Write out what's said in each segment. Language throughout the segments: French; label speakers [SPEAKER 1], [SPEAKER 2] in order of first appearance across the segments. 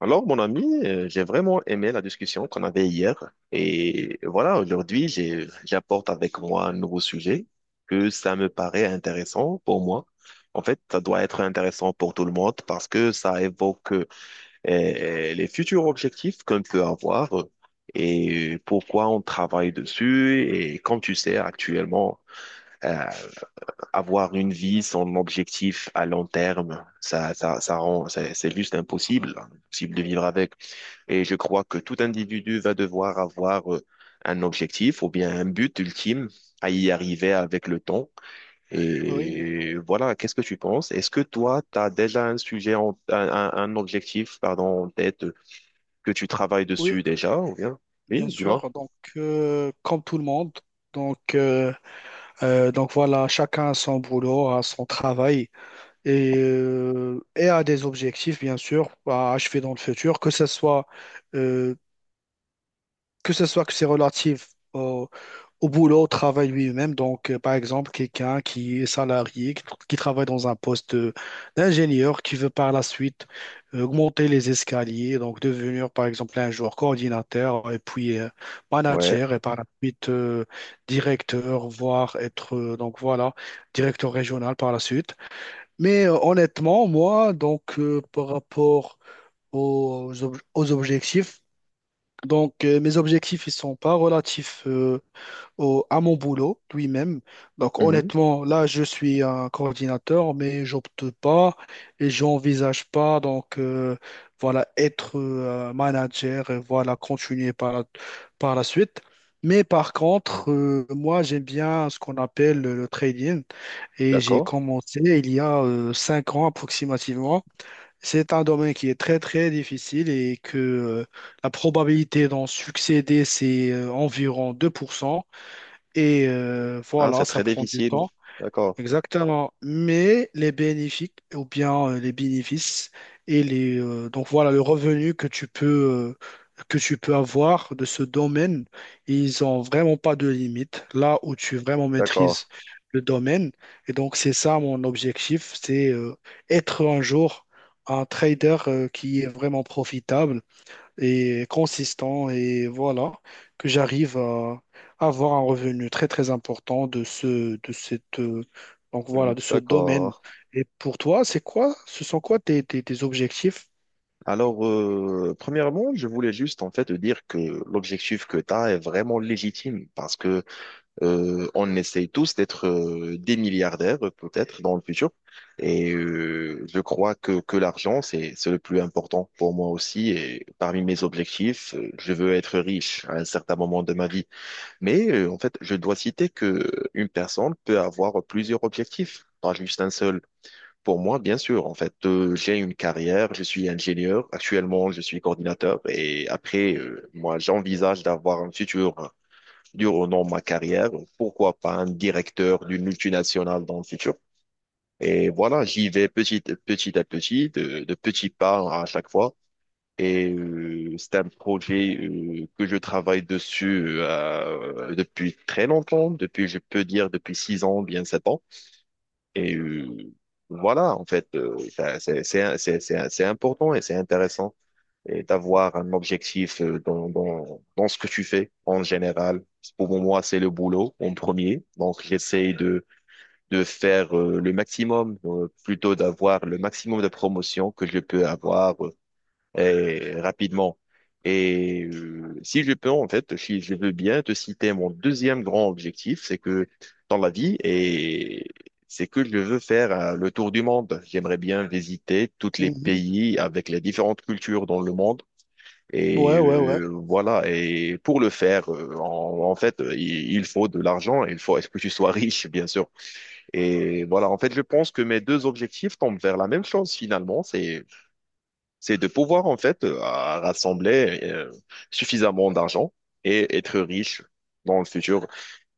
[SPEAKER 1] Alors, mon ami, j'ai vraiment aimé la discussion qu'on avait hier. Et voilà, aujourd'hui, j'apporte avec moi un nouveau sujet que ça me paraît intéressant pour moi. En fait, ça doit être intéressant pour tout le monde parce que ça évoque les futurs objectifs qu'on peut avoir et pourquoi on travaille dessus. Et comme tu sais, actuellement, euh, avoir une vie sans objectif à long terme, ça rend, c'est juste impossible, impossible de vivre avec. Et je crois que tout individu va devoir avoir un objectif ou bien un but ultime à y arriver avec le temps.
[SPEAKER 2] Oui, oui,
[SPEAKER 1] Et voilà, qu'est-ce que tu penses? Est-ce que toi, tu as déjà un sujet, un objectif, pardon, en tête que tu travailles
[SPEAKER 2] oui,
[SPEAKER 1] dessus déjà ou bien? Oui,
[SPEAKER 2] bien
[SPEAKER 1] dis-moi.
[SPEAKER 2] sûr. Donc, comme tout le monde, donc, euh, donc voilà, chacun a son boulot, a son travail et a des objectifs, bien sûr, à achever dans le futur, que ce soit, euh, que c'est relatif au boulot, au travail lui-même. Donc, par exemple, quelqu'un qui est salarié, qui travaille dans un poste d'ingénieur, qui veut par la suite augmenter les escaliers, donc devenir, par exemple, un jour coordinateur et puis
[SPEAKER 1] Ouais.
[SPEAKER 2] manager et par la suite directeur, voire être, directeur régional par la suite. Mais honnêtement, moi, par rapport aux objectifs, mes objectifs, ils sont pas relatifs, à mon boulot lui-même. Donc
[SPEAKER 1] Mhm.
[SPEAKER 2] honnêtement, là, je suis un coordinateur, mais j'opte pas et j'envisage pas voilà être manager et voilà continuer par la suite. Mais par contre, moi, j'aime bien ce qu'on appelle le trading et j'ai
[SPEAKER 1] D'accord.
[SPEAKER 2] commencé il y a 5 ans approximativement. C'est un domaine qui est très très difficile et que la probabilité d'en succéder, c'est environ 2%. Et
[SPEAKER 1] Ah,
[SPEAKER 2] voilà,
[SPEAKER 1] c'est
[SPEAKER 2] ça
[SPEAKER 1] très
[SPEAKER 2] prend du
[SPEAKER 1] difficile.
[SPEAKER 2] temps.
[SPEAKER 1] D'accord.
[SPEAKER 2] Exactement. Mais les bénéfices, ou bien les bénéfices, et donc voilà, le revenu que tu peux avoir de ce domaine, ils ont vraiment pas de limite, là où tu vraiment
[SPEAKER 1] D'accord.
[SPEAKER 2] maîtrises le domaine. Et donc, c'est ça mon objectif, c'est être un jour un trader qui est vraiment profitable et consistant et voilà, que j'arrive à avoir un revenu très très important de cette, de ce domaine.
[SPEAKER 1] D'accord.
[SPEAKER 2] Et pour toi, ce sont quoi tes objectifs?
[SPEAKER 1] Alors, premièrement, je voulais juste en fait te dire que l'objectif que tu as est vraiment légitime parce que on essaye tous d'être des milliardaires peut-être dans le futur et je crois que l'argent c'est le plus important pour moi aussi et parmi mes objectifs, je veux être riche à un certain moment de ma vie. Mais en fait, je dois citer que une personne peut avoir plusieurs objectifs, pas juste un seul. Pour moi, bien sûr, en fait, j'ai une carrière, je suis ingénieur, actuellement je suis coordinateur et après, moi, j'envisage d'avoir un futur hein, durant ma carrière, pourquoi pas un directeur d'une multinationale dans le futur. Et voilà, j'y vais petit, petit à petit, de petits pas à chaque fois. Et c'est un projet que je travaille dessus depuis très longtemps, depuis, je peux dire, depuis six ans, bien sept ans. Et voilà, en fait, c'est important et c'est intéressant et d'avoir un objectif dans ce que tu fais en général. Pour moi, c'est le boulot en premier. Donc, de faire le maximum, plutôt d'avoir le maximum de promotions que je peux avoir rapidement. Et si je peux, en fait, si je veux bien te citer mon deuxième grand objectif, c'est que dans la vie, et c'est que je veux faire le tour du monde. J'aimerais bien visiter tous les
[SPEAKER 2] Mhm.
[SPEAKER 1] pays avec les différentes cultures dans le monde. Et
[SPEAKER 2] Ouais, ouais, ouais.
[SPEAKER 1] voilà. Et pour le faire, en fait, il faut de l'argent. Il faut, est-ce que tu sois riche, bien sûr. Et voilà. En fait, je pense que mes deux objectifs tombent vers la même chose finalement. C'est de pouvoir en fait à rassembler suffisamment d'argent et être riche dans le futur.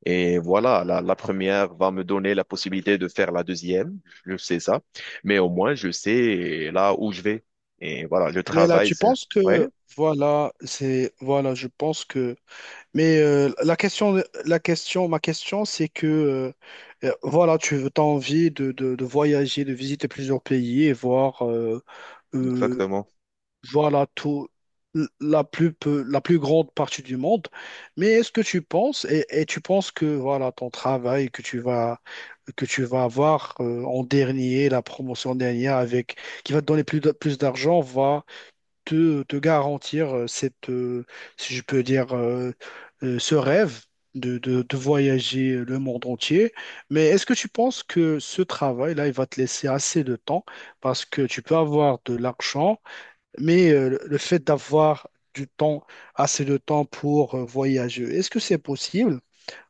[SPEAKER 1] Et voilà, la première va me donner la possibilité de faire la deuxième, je sais ça, mais au moins je sais là où je vais. Et voilà, le
[SPEAKER 2] Mais là,
[SPEAKER 1] travail,
[SPEAKER 2] tu
[SPEAKER 1] c'est...
[SPEAKER 2] penses
[SPEAKER 1] Ouais,
[SPEAKER 2] que, voilà, je pense que, mais ma question, c'est que, voilà, tu as envie de voyager, de visiter plusieurs pays et voir euh,
[SPEAKER 1] exactement.
[SPEAKER 2] voilà tout, la plus grande partie du monde. Mais est-ce que tu penses, et tu penses que voilà ton travail que tu vas avoir en dernier, la promotion dernière avec, qui va te donner plus d'argent, va te garantir si je peux dire, ce rêve de voyager le monde entier. Mais est-ce que tu penses que ce travail-là, il va te laisser assez de temps parce que tu peux avoir de l'argent mais le fait d'avoir du temps, assez de temps pour voyager, est-ce que c'est possible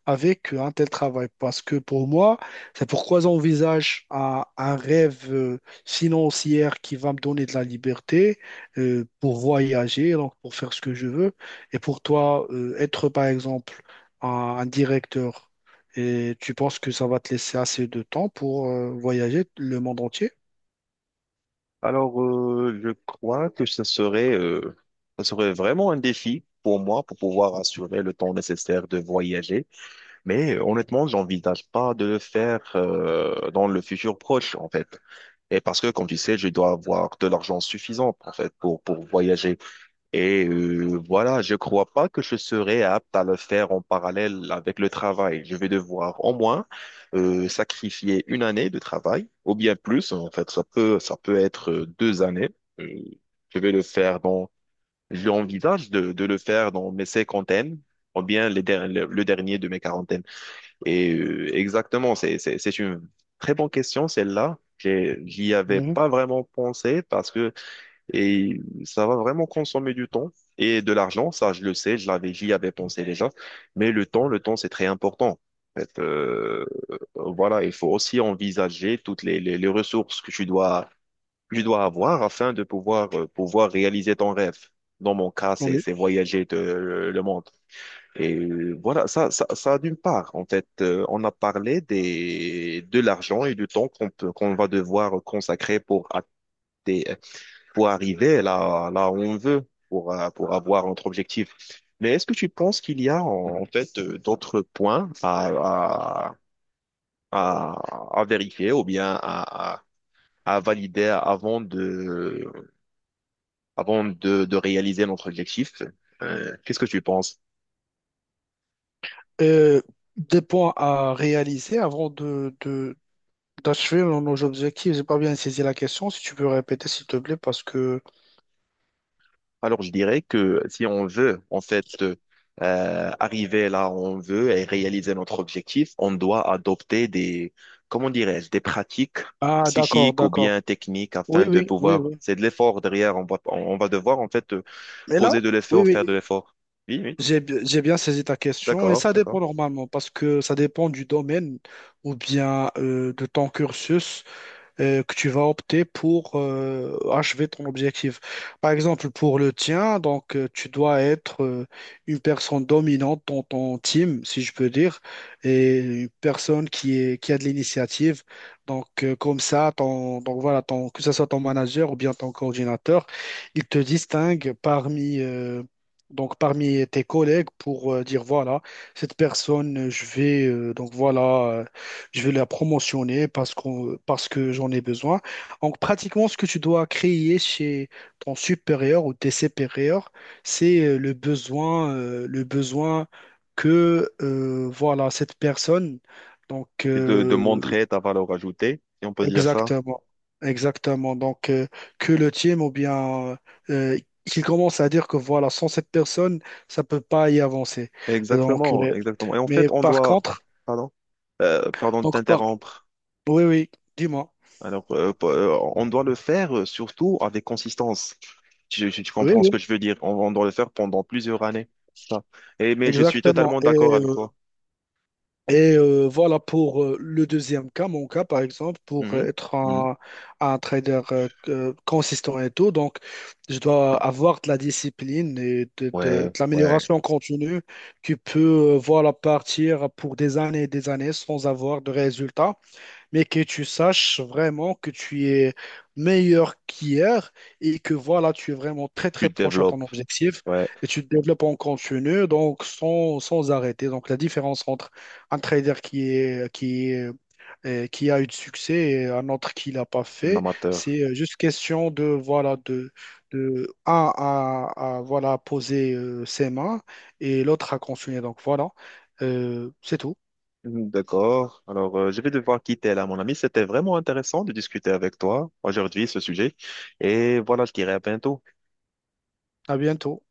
[SPEAKER 2] avec un tel travail? Parce que pour moi, c'est pourquoi j'envisage un rêve financier qui va me donner de la liberté pour voyager, donc pour faire ce que je veux. Et pour toi, être par exemple un directeur. Et tu penses que ça va te laisser assez de temps pour voyager le monde entier?
[SPEAKER 1] Alors, je crois que ça serait vraiment un défi pour moi pour pouvoir assurer le temps nécessaire de voyager. Mais honnêtement, j'envisage pas de le faire dans le futur proche, en fait. Et parce que, comme tu sais, je dois avoir de l'argent suffisant, en fait, pour voyager. Et voilà, je crois pas que je serai apte à le faire en parallèle avec le travail. Je vais devoir au moins sacrifier une année de travail, ou bien plus, en fait, ça peut être deux années. Euh, je vais le faire dans, j'envisage de le faire dans mes cinquantaines, ou bien les der- le dernier de mes quarantaines. Et exactement, c'est une très bonne question, celle-là. J'y avais
[SPEAKER 2] Mhm.
[SPEAKER 1] pas vraiment pensé parce que et ça va vraiment consommer du temps et de l'argent. Ça, je le sais, j'y avais pensé déjà. Mais le temps, c'est très important. En fait, voilà, il faut aussi envisager toutes les ressources que tu dois avoir afin de pouvoir, pouvoir réaliser ton rêve. Dans mon cas,
[SPEAKER 2] Oui.
[SPEAKER 1] c'est voyager de- le monde. Et voilà, ça d'une part, en fait, on a parlé des, de l'argent et du temps qu'on va devoir consacrer pour, atte- pour arriver là, là où on veut, pour avoir notre objectif. Mais est-ce que tu penses qu'il y a, en fait, d'autres points à vérifier ou bien à valider avant avant de réaliser notre objectif? Qu'est-ce que tu penses?
[SPEAKER 2] Euh, des points à réaliser avant d'achever nos objectifs. J'ai pas bien saisi la question. Si tu peux répéter, s'il te plaît, parce que...
[SPEAKER 1] Alors, je dirais que si on veut, en fait, arriver là où on veut et réaliser notre objectif, on doit adopter des, comment dirais-je, des pratiques
[SPEAKER 2] Ah, d'accord,
[SPEAKER 1] psychiques ou
[SPEAKER 2] d'accord.
[SPEAKER 1] bien techniques
[SPEAKER 2] Oui,
[SPEAKER 1] afin de
[SPEAKER 2] oui, oui,
[SPEAKER 1] pouvoir,
[SPEAKER 2] oui.
[SPEAKER 1] c'est de l'effort derrière, on va devoir, en fait,
[SPEAKER 2] Mais là,
[SPEAKER 1] poser de
[SPEAKER 2] oui,
[SPEAKER 1] l'effort, faire de
[SPEAKER 2] oui,
[SPEAKER 1] l'effort. Oui, oui,
[SPEAKER 2] j'ai bien saisi ta question. Et
[SPEAKER 1] d'accord,
[SPEAKER 2] ça dépend
[SPEAKER 1] d'accord.
[SPEAKER 2] normalement, parce que ça dépend du domaine ou bien de ton cursus, que tu vas opter pour achever ton objectif. Par exemple, pour le tien, tu dois être une personne dominante dans ton team, si je peux dire, et une personne qui a de l'initiative. Donc comme ça, ton, que ce soit ton manager ou bien ton coordinateur, il te distingue parmi donc parmi tes collègues pour dire voilà cette personne, je vais la promotionner parce que j'en ai besoin. Donc, pratiquement, ce que tu dois créer chez ton supérieur ou tes supérieurs, c'est le besoin que voilà cette personne. Donc,
[SPEAKER 1] Et de
[SPEAKER 2] euh,
[SPEAKER 1] montrer ta valeur ajoutée, si on peut dire ça.
[SPEAKER 2] exactement, exactement. Que le team ou bien euh, qu'il commence à dire que voilà, sans cette personne, ça peut pas y avancer. Donc,
[SPEAKER 1] Exactement, exactement. Et en
[SPEAKER 2] mais
[SPEAKER 1] fait, on
[SPEAKER 2] par
[SPEAKER 1] doit,
[SPEAKER 2] contre,
[SPEAKER 1] pardon, pardon de
[SPEAKER 2] donc par,
[SPEAKER 1] t'interrompre.
[SPEAKER 2] oui, oui, dis-moi.
[SPEAKER 1] Alors, on doit le faire surtout avec consistance. Tu
[SPEAKER 2] Oui,
[SPEAKER 1] comprends ce
[SPEAKER 2] oui.
[SPEAKER 1] que je veux dire. On doit le faire pendant plusieurs années. Ça. Et, mais je suis
[SPEAKER 2] Exactement.
[SPEAKER 1] totalement d'accord avec
[SPEAKER 2] Euh,
[SPEAKER 1] toi.
[SPEAKER 2] et voilà pour le deuxième cas, mon cas par exemple, pour
[SPEAKER 1] Mhm.
[SPEAKER 2] être
[SPEAKER 1] Mhm.
[SPEAKER 2] un trader consistant et tout. Donc, je dois avoir de la discipline et de
[SPEAKER 1] Ouais, ouais.
[SPEAKER 2] l'amélioration continue qui peut voilà, partir pour des années et des années sans avoir de résultats mais que tu saches vraiment que tu es meilleur qu'hier et que voilà, tu es vraiment très très
[SPEAKER 1] Tu te
[SPEAKER 2] proche à ton
[SPEAKER 1] développes.
[SPEAKER 2] objectif
[SPEAKER 1] Ouais,
[SPEAKER 2] et tu te développes en continu, donc sans arrêter. Donc la différence entre un trader qui a eu du succès et un autre qui l'a pas
[SPEAKER 1] un
[SPEAKER 2] fait,
[SPEAKER 1] amateur.
[SPEAKER 2] c'est juste question de voilà de un à, voilà poser ses mains et l'autre à continuer. Donc voilà, c'est tout.
[SPEAKER 1] Mhm, d'accord. Alors, je vais devoir quitter là, mon ami. C'était vraiment intéressant de discuter avec toi aujourd'hui ce sujet. Et voilà, je dirai à bientôt.
[SPEAKER 2] À bientôt.